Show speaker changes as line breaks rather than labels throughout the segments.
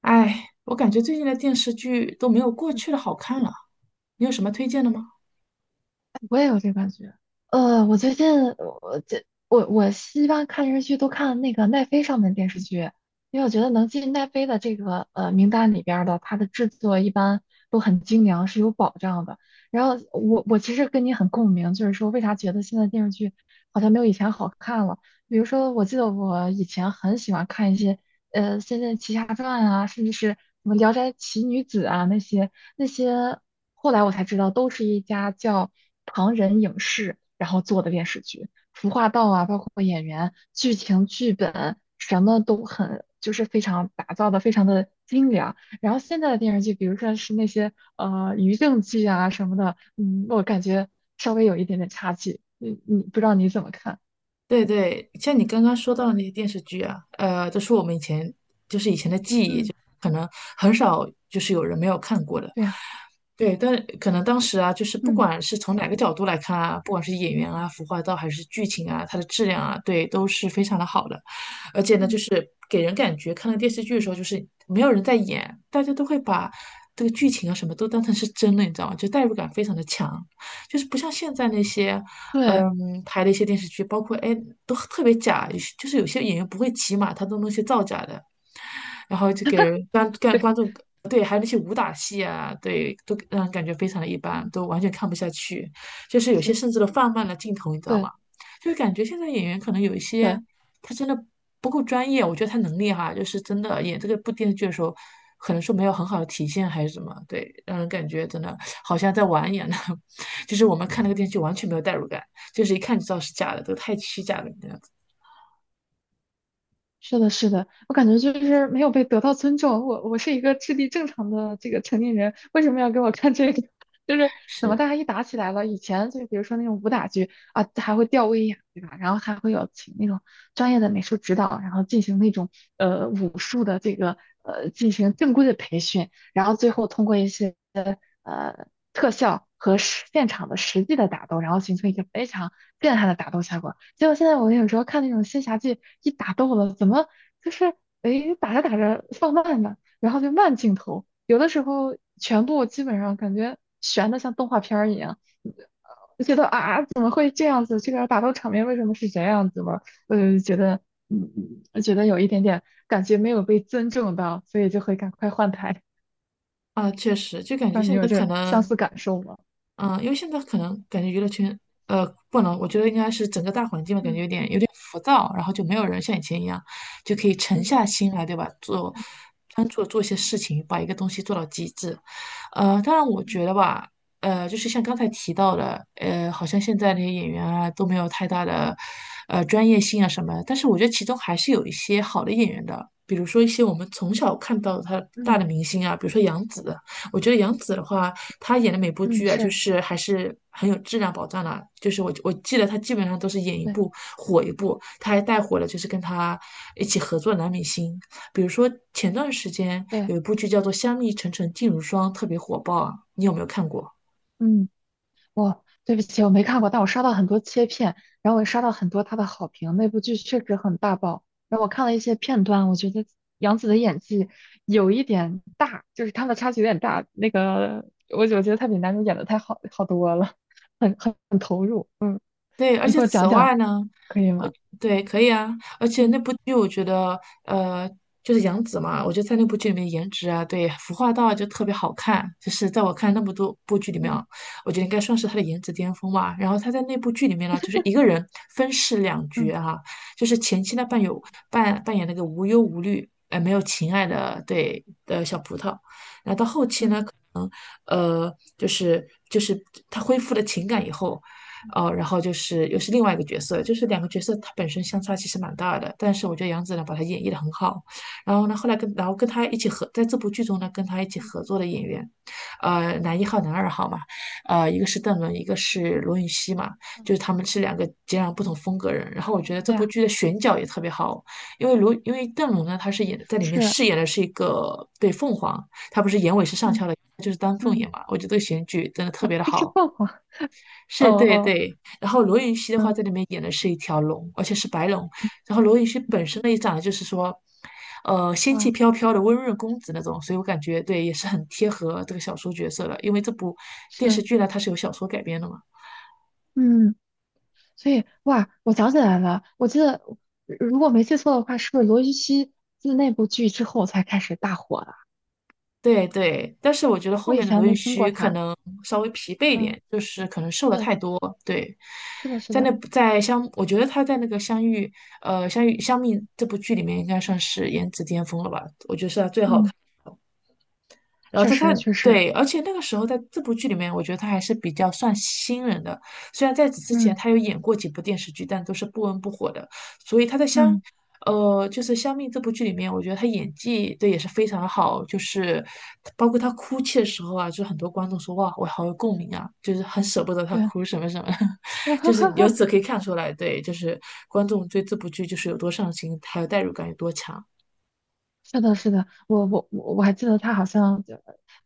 哎，我感觉最近的电视剧都没有过
嗯，
去的好看了，你有什么推荐的吗？
我也有这感觉。我最近我这我我一般看电视剧都看那个奈飞上面的电视剧，因为我觉得能进奈飞的这个名单里边儿的，它的制作一般都很精良，是有保障的。然后我其实跟你很共鸣，就是说为啥觉得现在电视剧好像没有以前好看了？比如说，我记得我以前很喜欢看一些《仙剑奇侠传》啊，甚至是什么《聊斋奇女子》啊那些。那些后来我才知道，都是一家叫唐人影视然后做的电视剧，服化道啊，包括演员、剧情、剧本，什么都很就是非常打造的非常的精良。然后现在的电视剧，比如说是那些余乐剧啊什么的，我感觉稍微有一点点差距。你不知道你怎么看？
对对，像你刚刚说到的那些电视剧啊，都是我们以前就是以前的记忆，
嗯，
就可能很少有人没有看过的。
对呀，
对，但可能当时啊，就是不
嗯
管是从哪个角度来看啊，不管是演员啊、服化道还是剧情啊，它的质量啊，对，都是非常的好的。而且呢，就
嗯
是给人感觉看了电视剧的时候，就
嗯，
是没有人在演，大家都会把这个剧情啊什么都当成是真的，你知道吗？就代入感非常的强。就是不像现在那些
对
拍的一些电视剧，包括哎，都特别假，有些有些演员不会骑马，他都弄些造假的，然后就给人观观
对，
观众对，还有那些武打戏啊，对，都让人感觉非常的一般，
嗯，
都完全看不下去，就是有些
是，
甚至都放慢了镜头，你知道吗？
对
就是感觉现在演员可能有一
对。
些他真的不够专业，我觉得他能力哈，就是真的演这个部电视剧的时候，可能说没有很好的体现还是什么，对，让人感觉真的好像在玩一样的，就是我们看那个电视剧完全没有代入感。就是一看就知道是假的，都太虚假了，这样子
是的，是的，我感觉就是没有被得到尊重。我是一个智力正常的这个成年人，为什么要给我看这个？就是怎么
是
大家一打起来了，以前就比如说那种武打剧啊，还会吊威亚，对吧？然后还会有请那种专业的美术指导，然后进行那种武术的这个进行正规的培训，然后最后通过一些。呃特效和实现场的实际的打斗，然后形成一个非常震撼的打斗效果。结果现在我有时候看那种仙侠剧，一打斗了，怎么就是诶打着打着放慢了，然后就慢镜头，有的时候全部基本上感觉悬的像动画片儿一样。我觉得啊，怎么会这样子？这个打斗场面为什么是这样子嘛？觉得，嗯，觉得有一点点感觉没有被尊重到，所以就会赶快换台。
啊，确实就感觉
让你
现
有
在可
这相
能
似感受吗？
嗯，因为现在可能感觉娱乐圈，不能，我觉得应该是整个大环境吧，感觉
嗯
有点浮躁，然后就没有人像以前一样，就可以沉
嗯
下心来，对吧？专注的做一些事情，把一个东西做到极致。当然我
嗯
觉得吧，就是像刚才提到的，好像现在那些演员啊都没有太大的，专业性啊什么，但是我觉得其中还是有一些好的演员的。比如说一些我们从小看到他大
嗯
的明星啊，比如说杨紫，我觉得杨紫的话，他演的每部
嗯，
剧啊，就
是，
是还是很有质量保障的。就是我记得他基本上都是演一
对
部火一部，他还带火了就是跟他一起合作的男明星，比如说前段时间
对，
有一部剧叫做《香蜜沉沉烬如霜》，特别火爆啊，你有没有看过？
嗯，我对不起，我没看过，但我刷到很多切片，然后我也刷到很多他的好评，那部剧确实很大爆。然后我看了一些片段，我觉得杨紫的演技有一点大，就是她的差距有点大。那个，我觉得她比男主演的太好好多了，很投入。嗯，
对，而
你
且
给我
此
讲讲
外呢，
可以吗？
对，可以啊，而且
嗯
那部剧我觉得，呃，就是杨紫嘛，我觉得在那部剧里面颜值啊，对，服化道啊就特别好看，就是在我看那么多部剧里面
嗯
啊，我觉得应该算是她的颜值巅峰吧。然后她在那部剧里面呢，就是一个人分饰两角
嗯
啊，就是前期呢扮有扮扮演那个无忧无虑，没有情爱
嗯
的对的小葡萄，然后到后期呢，
嗯
可能就是她恢复了情感以后。
嗯
哦，然后就是又是另外一个角色，就是两个角色它本身相差其实蛮大的，但是我觉得杨紫呢把它演绎的很好。然后呢，后来跟然后跟他一起合在这部剧中呢，跟他一起
嗯
合作的演员，男一号、男二号嘛，一个是邓伦，一个是罗云熙嘛，
嗯，
就是他们是两个截然不同风格人。然后我觉得
嗯，
这
对
部
啊，
剧的选角也特别好，因为邓伦呢，他是演在里面
是，
饰演的是一个对凤凰，我也是上
嗯
翘的，就是丹凤
嗯，
眼嘛，我觉得这个选举真的特别的
还是
好。
凤凰。哦
是，对
哦，
对。然后罗云熙的话，
嗯，
在里面演的是一条龙，而且是白龙。然后罗云熙本身呢，也长得就是说，仙气
哇，
飘飘的温润公子那种，所以我感觉对，也是很贴合这个小说角色的。因为这部电视
是，
剧呢，它是由小说改编的嘛。
嗯，所以哇，我想起来了，我记得如果没记错的话，是不是罗云熙自那部剧之后才开始大火的？
对对，但是我觉得后
我以
面的
前
罗云
没听过
熙可
他。
能稍微疲惫一
嗯，
点，就是可能瘦了
对，
太多。对，
是的，是
在那
的，
在相，我觉得他在那个相遇，相遇这部剧里面应该算是颜值巅峰了吧？我觉得是他最好。
嗯，
然后
确
他
实，
他
确实，
对，而且那个时候在这部剧里面，我觉得他还是比较算新人的。虽然在此之前
嗯
他有演过几部电视剧，但都是不温不火的。
嗯，
就是《香蜜》这部剧里面，我觉得他演技对也是非常的好，就是包括他哭泣的时候啊，就是很多观众说哇，我好有共鸣啊，就是很舍不得他
对，
哭什么什么，就是由 此可以看出来，对，就是观众对这部剧就是有多上心，还有代入感有多强。
是的，是的，我还记得他好像就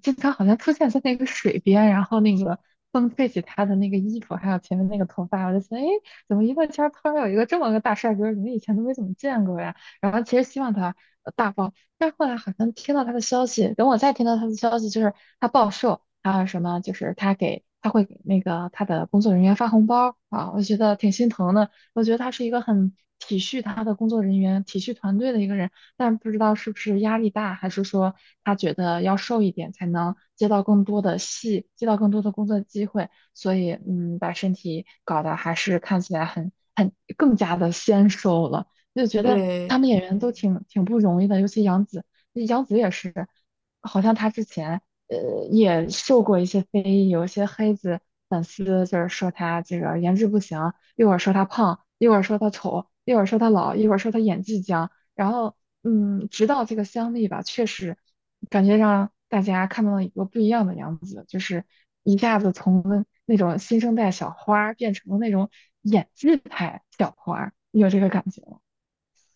经常好像出现在那个水边，然后那个风吹起他的那个衣服，还有前面那个头发，我就觉得，哎，怎么娱乐圈儿突然有一个这么个大帅哥儿，你们以前都没怎么见过呀？然后其实希望他大爆，但是后来好像听到他的消息，等我再听到他的消息，就是他暴瘦，还有什么就是他会给那个他的工作人员发红包啊，我觉得挺心疼的。我觉得他是一个很体恤他的工作人员、体恤团队的一个人。但不知道是不是压力大，还是说他觉得要瘦一点才能接到更多的戏，接到更多的工作机会，所以把身体搞得还是看起来很更加的纤瘦了，就觉得
对，
他们演员都挺不容易的，尤其杨紫，杨紫也是，好像她之前也受过一些非议，有一些黑子粉丝就是说她这个颜值不行，一会儿说她胖，一会儿说她丑，一会儿说她老，一会儿说她演技僵，然后，直到这个香蜜吧，确实感觉让大家看到了一个不一样的样子，就是一下子从那种新生代小花儿变成了那种演技派小花儿你有这个感觉吗？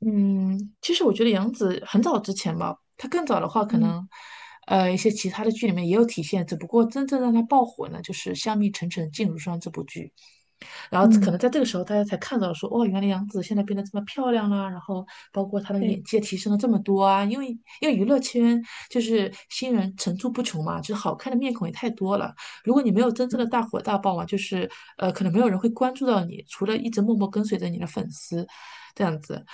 嗯，其实我觉得杨紫很早之前吧，她更早的话，可
嗯
能，一些其他的剧里面也有体现，只不过真正让她爆火呢，就是《香蜜沉沉烬如霜》这部剧。然后可
嗯，
能在这个时候，大家才看到说，哦，原来杨紫现在变得这么漂亮啦、然后包括她的
对，
演技也提升了这么多啊，因为娱乐圈就是新人层出不穷嘛，就是好看的面孔也太多了。如果你没有真正的
嗯
大火大爆嘛，就是可能没有人会关注到你，除了一直默默跟随着你的粉丝这样子。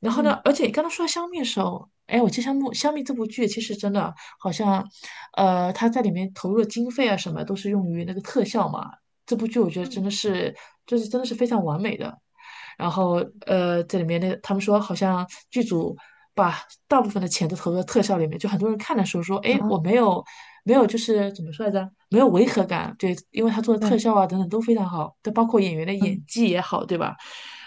然后呢，
嗯
而且刚刚说到香蜜的时候，哎，我记得香蜜这部剧其实真的好像，它在里面投入的经费啊什么都是用于那个特效嘛，这部剧我觉得真
嗯，
的是，就是真的是非常完美的。然后这里面那他们说好像剧组把大部分的钱都投入到特效里面，就很多人看的时候说，哎，我没
啊，
有没有就是怎么说来着，没有违和感，对，因为他做的特
对，
效啊等等都非常好，但包括演员的
嗯
演技也好，对吧？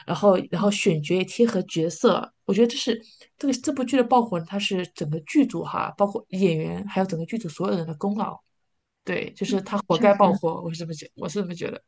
然后
嗯
选角也贴合角色，我觉得这个这部剧的爆火，它是整个剧组哈，包括演员还有整个剧组所有人的功劳。对，就
嗯，
是他活
确
该爆
实。
火，我是这么觉得。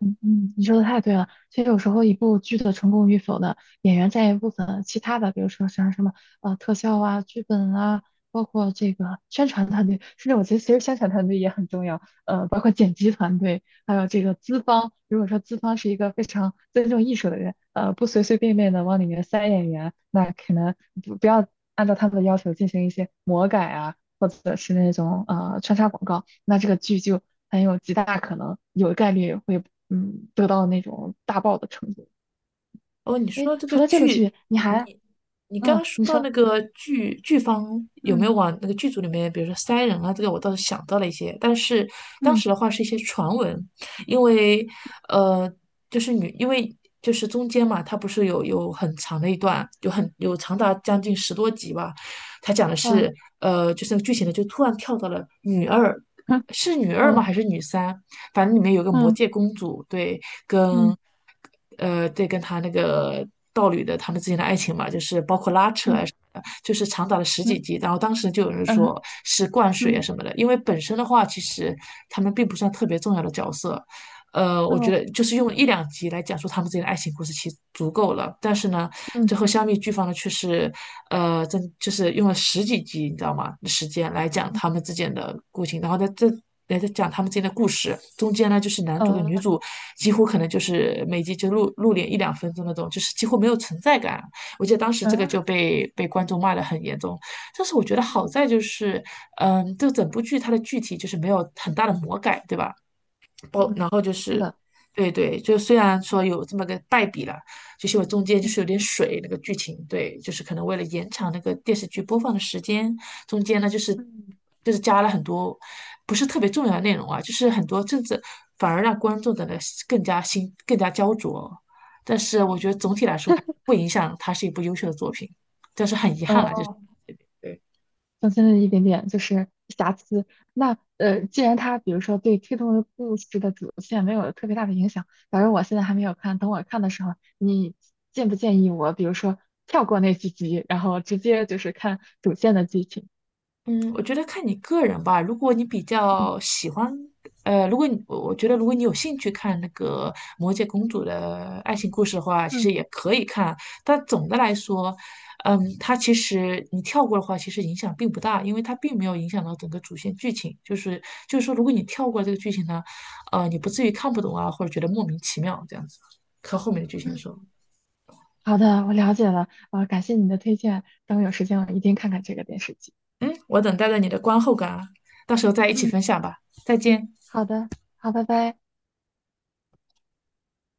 嗯嗯，你说的太对了。其实有时候一部剧的成功与否呢，演员占一部分，其他的，比如说像什么特效啊、剧本啊，包括这个宣传团队，甚至我觉得其实宣传团队也很重要，包括剪辑团队，还有这个资方。如果说资方是一个非常尊重艺术的人，不随随便便的往里面塞演员，那可能不要按照他们的要求进行一些魔改啊，或者是那种穿插广告，那这个剧就很有极大可能有概率会得到那种大爆的程度。
哦，你
哎，
说这
除
个
了这个
剧，
剧，你
你
还
你刚刚说
你
到
说。
那个剧剧方有没
嗯
有往那个剧组里面，比如说塞人啊，这个我倒是想到了一些，但是当
嗯，
时的话是一些传闻，因为呃，就是女，因为就是中间嘛，它不是有很长的一段，有长达将近十多集吧，它讲的
啊，
是就是那个剧情呢，就突然跳到了女二，
嗯，
是女二吗？
哦，
还是女三？反正里面有个魔
嗯
界公主，对。
嗯
对，跟他那个道侣的他们之间的爱情嘛，就是包括拉扯
嗯
啊什么的，就是长达了十几
嗯
集。然后当时就有人
嗯
说是灌水啊
嗯，
什么的，因为本身的话，其实他们并不算特别重要的角色，我觉
哦，
得就是用一两集来讲述他们之间的爱情故事，其实足够了。但是呢，
嗯
最后香蜜剧方呢却是，真就是用了十几集，你知道吗？时间来讲
嗯，
他们之间的故情，然后在这来再讲他们之间的故事。中间呢，就是男主跟女
呃
主几乎可能就是每集就露脸一两分钟那种，就是几乎没有存在感。我记得当时这个就
呃
被观众骂得很严重。但是我觉得好
嗯
在就是，嗯，这整部剧它的剧体就是没有很大的魔改，对吧？
嗯，
然后就
是
是，
的，
对对，就虽然说有这么个败笔了，就是我中间就是有
嗯
点水那个剧情，对，就是可能为了延长那个电视剧播放的时间，中间呢
嗯
就是加了很多不是特别重要的内容啊，就是很多政治，反而让观众的呢更加焦灼，但是我觉
嗯
得总
嗯。
体来说还不影响它是一部优秀的作品。
呃增添了一点点就是瑕疵。那，既然它比如说对推动的故事的主线没有特别大的影响，反正我现在还没有看，等我看的时候，你建不建议我，比如说跳过那几集，然后直接就是看主线的剧情？
嗯，我觉得看你个人吧。如果你比
嗯
较喜欢，如果你我我觉得如果你有兴趣看那个《魔戒公主》的爱情故事的话，其
嗯
实也可以看。但总的来说，嗯，它
嗯
其实你跳过的话，其实影响并不大，因为它并没有影响到整个主线剧情。就是说，如果你跳过这个剧情呢，你不至于看不懂啊，或者觉得莫名其妙这样子。看后面的剧情
嗯，
说，
好的，我了解了，感谢你的推荐，等我有时间我一定看看这个电视剧。
嗯，我等待着你的观后感啊，到时候再一起分
嗯，
享吧。再见。
好的，好，拜拜。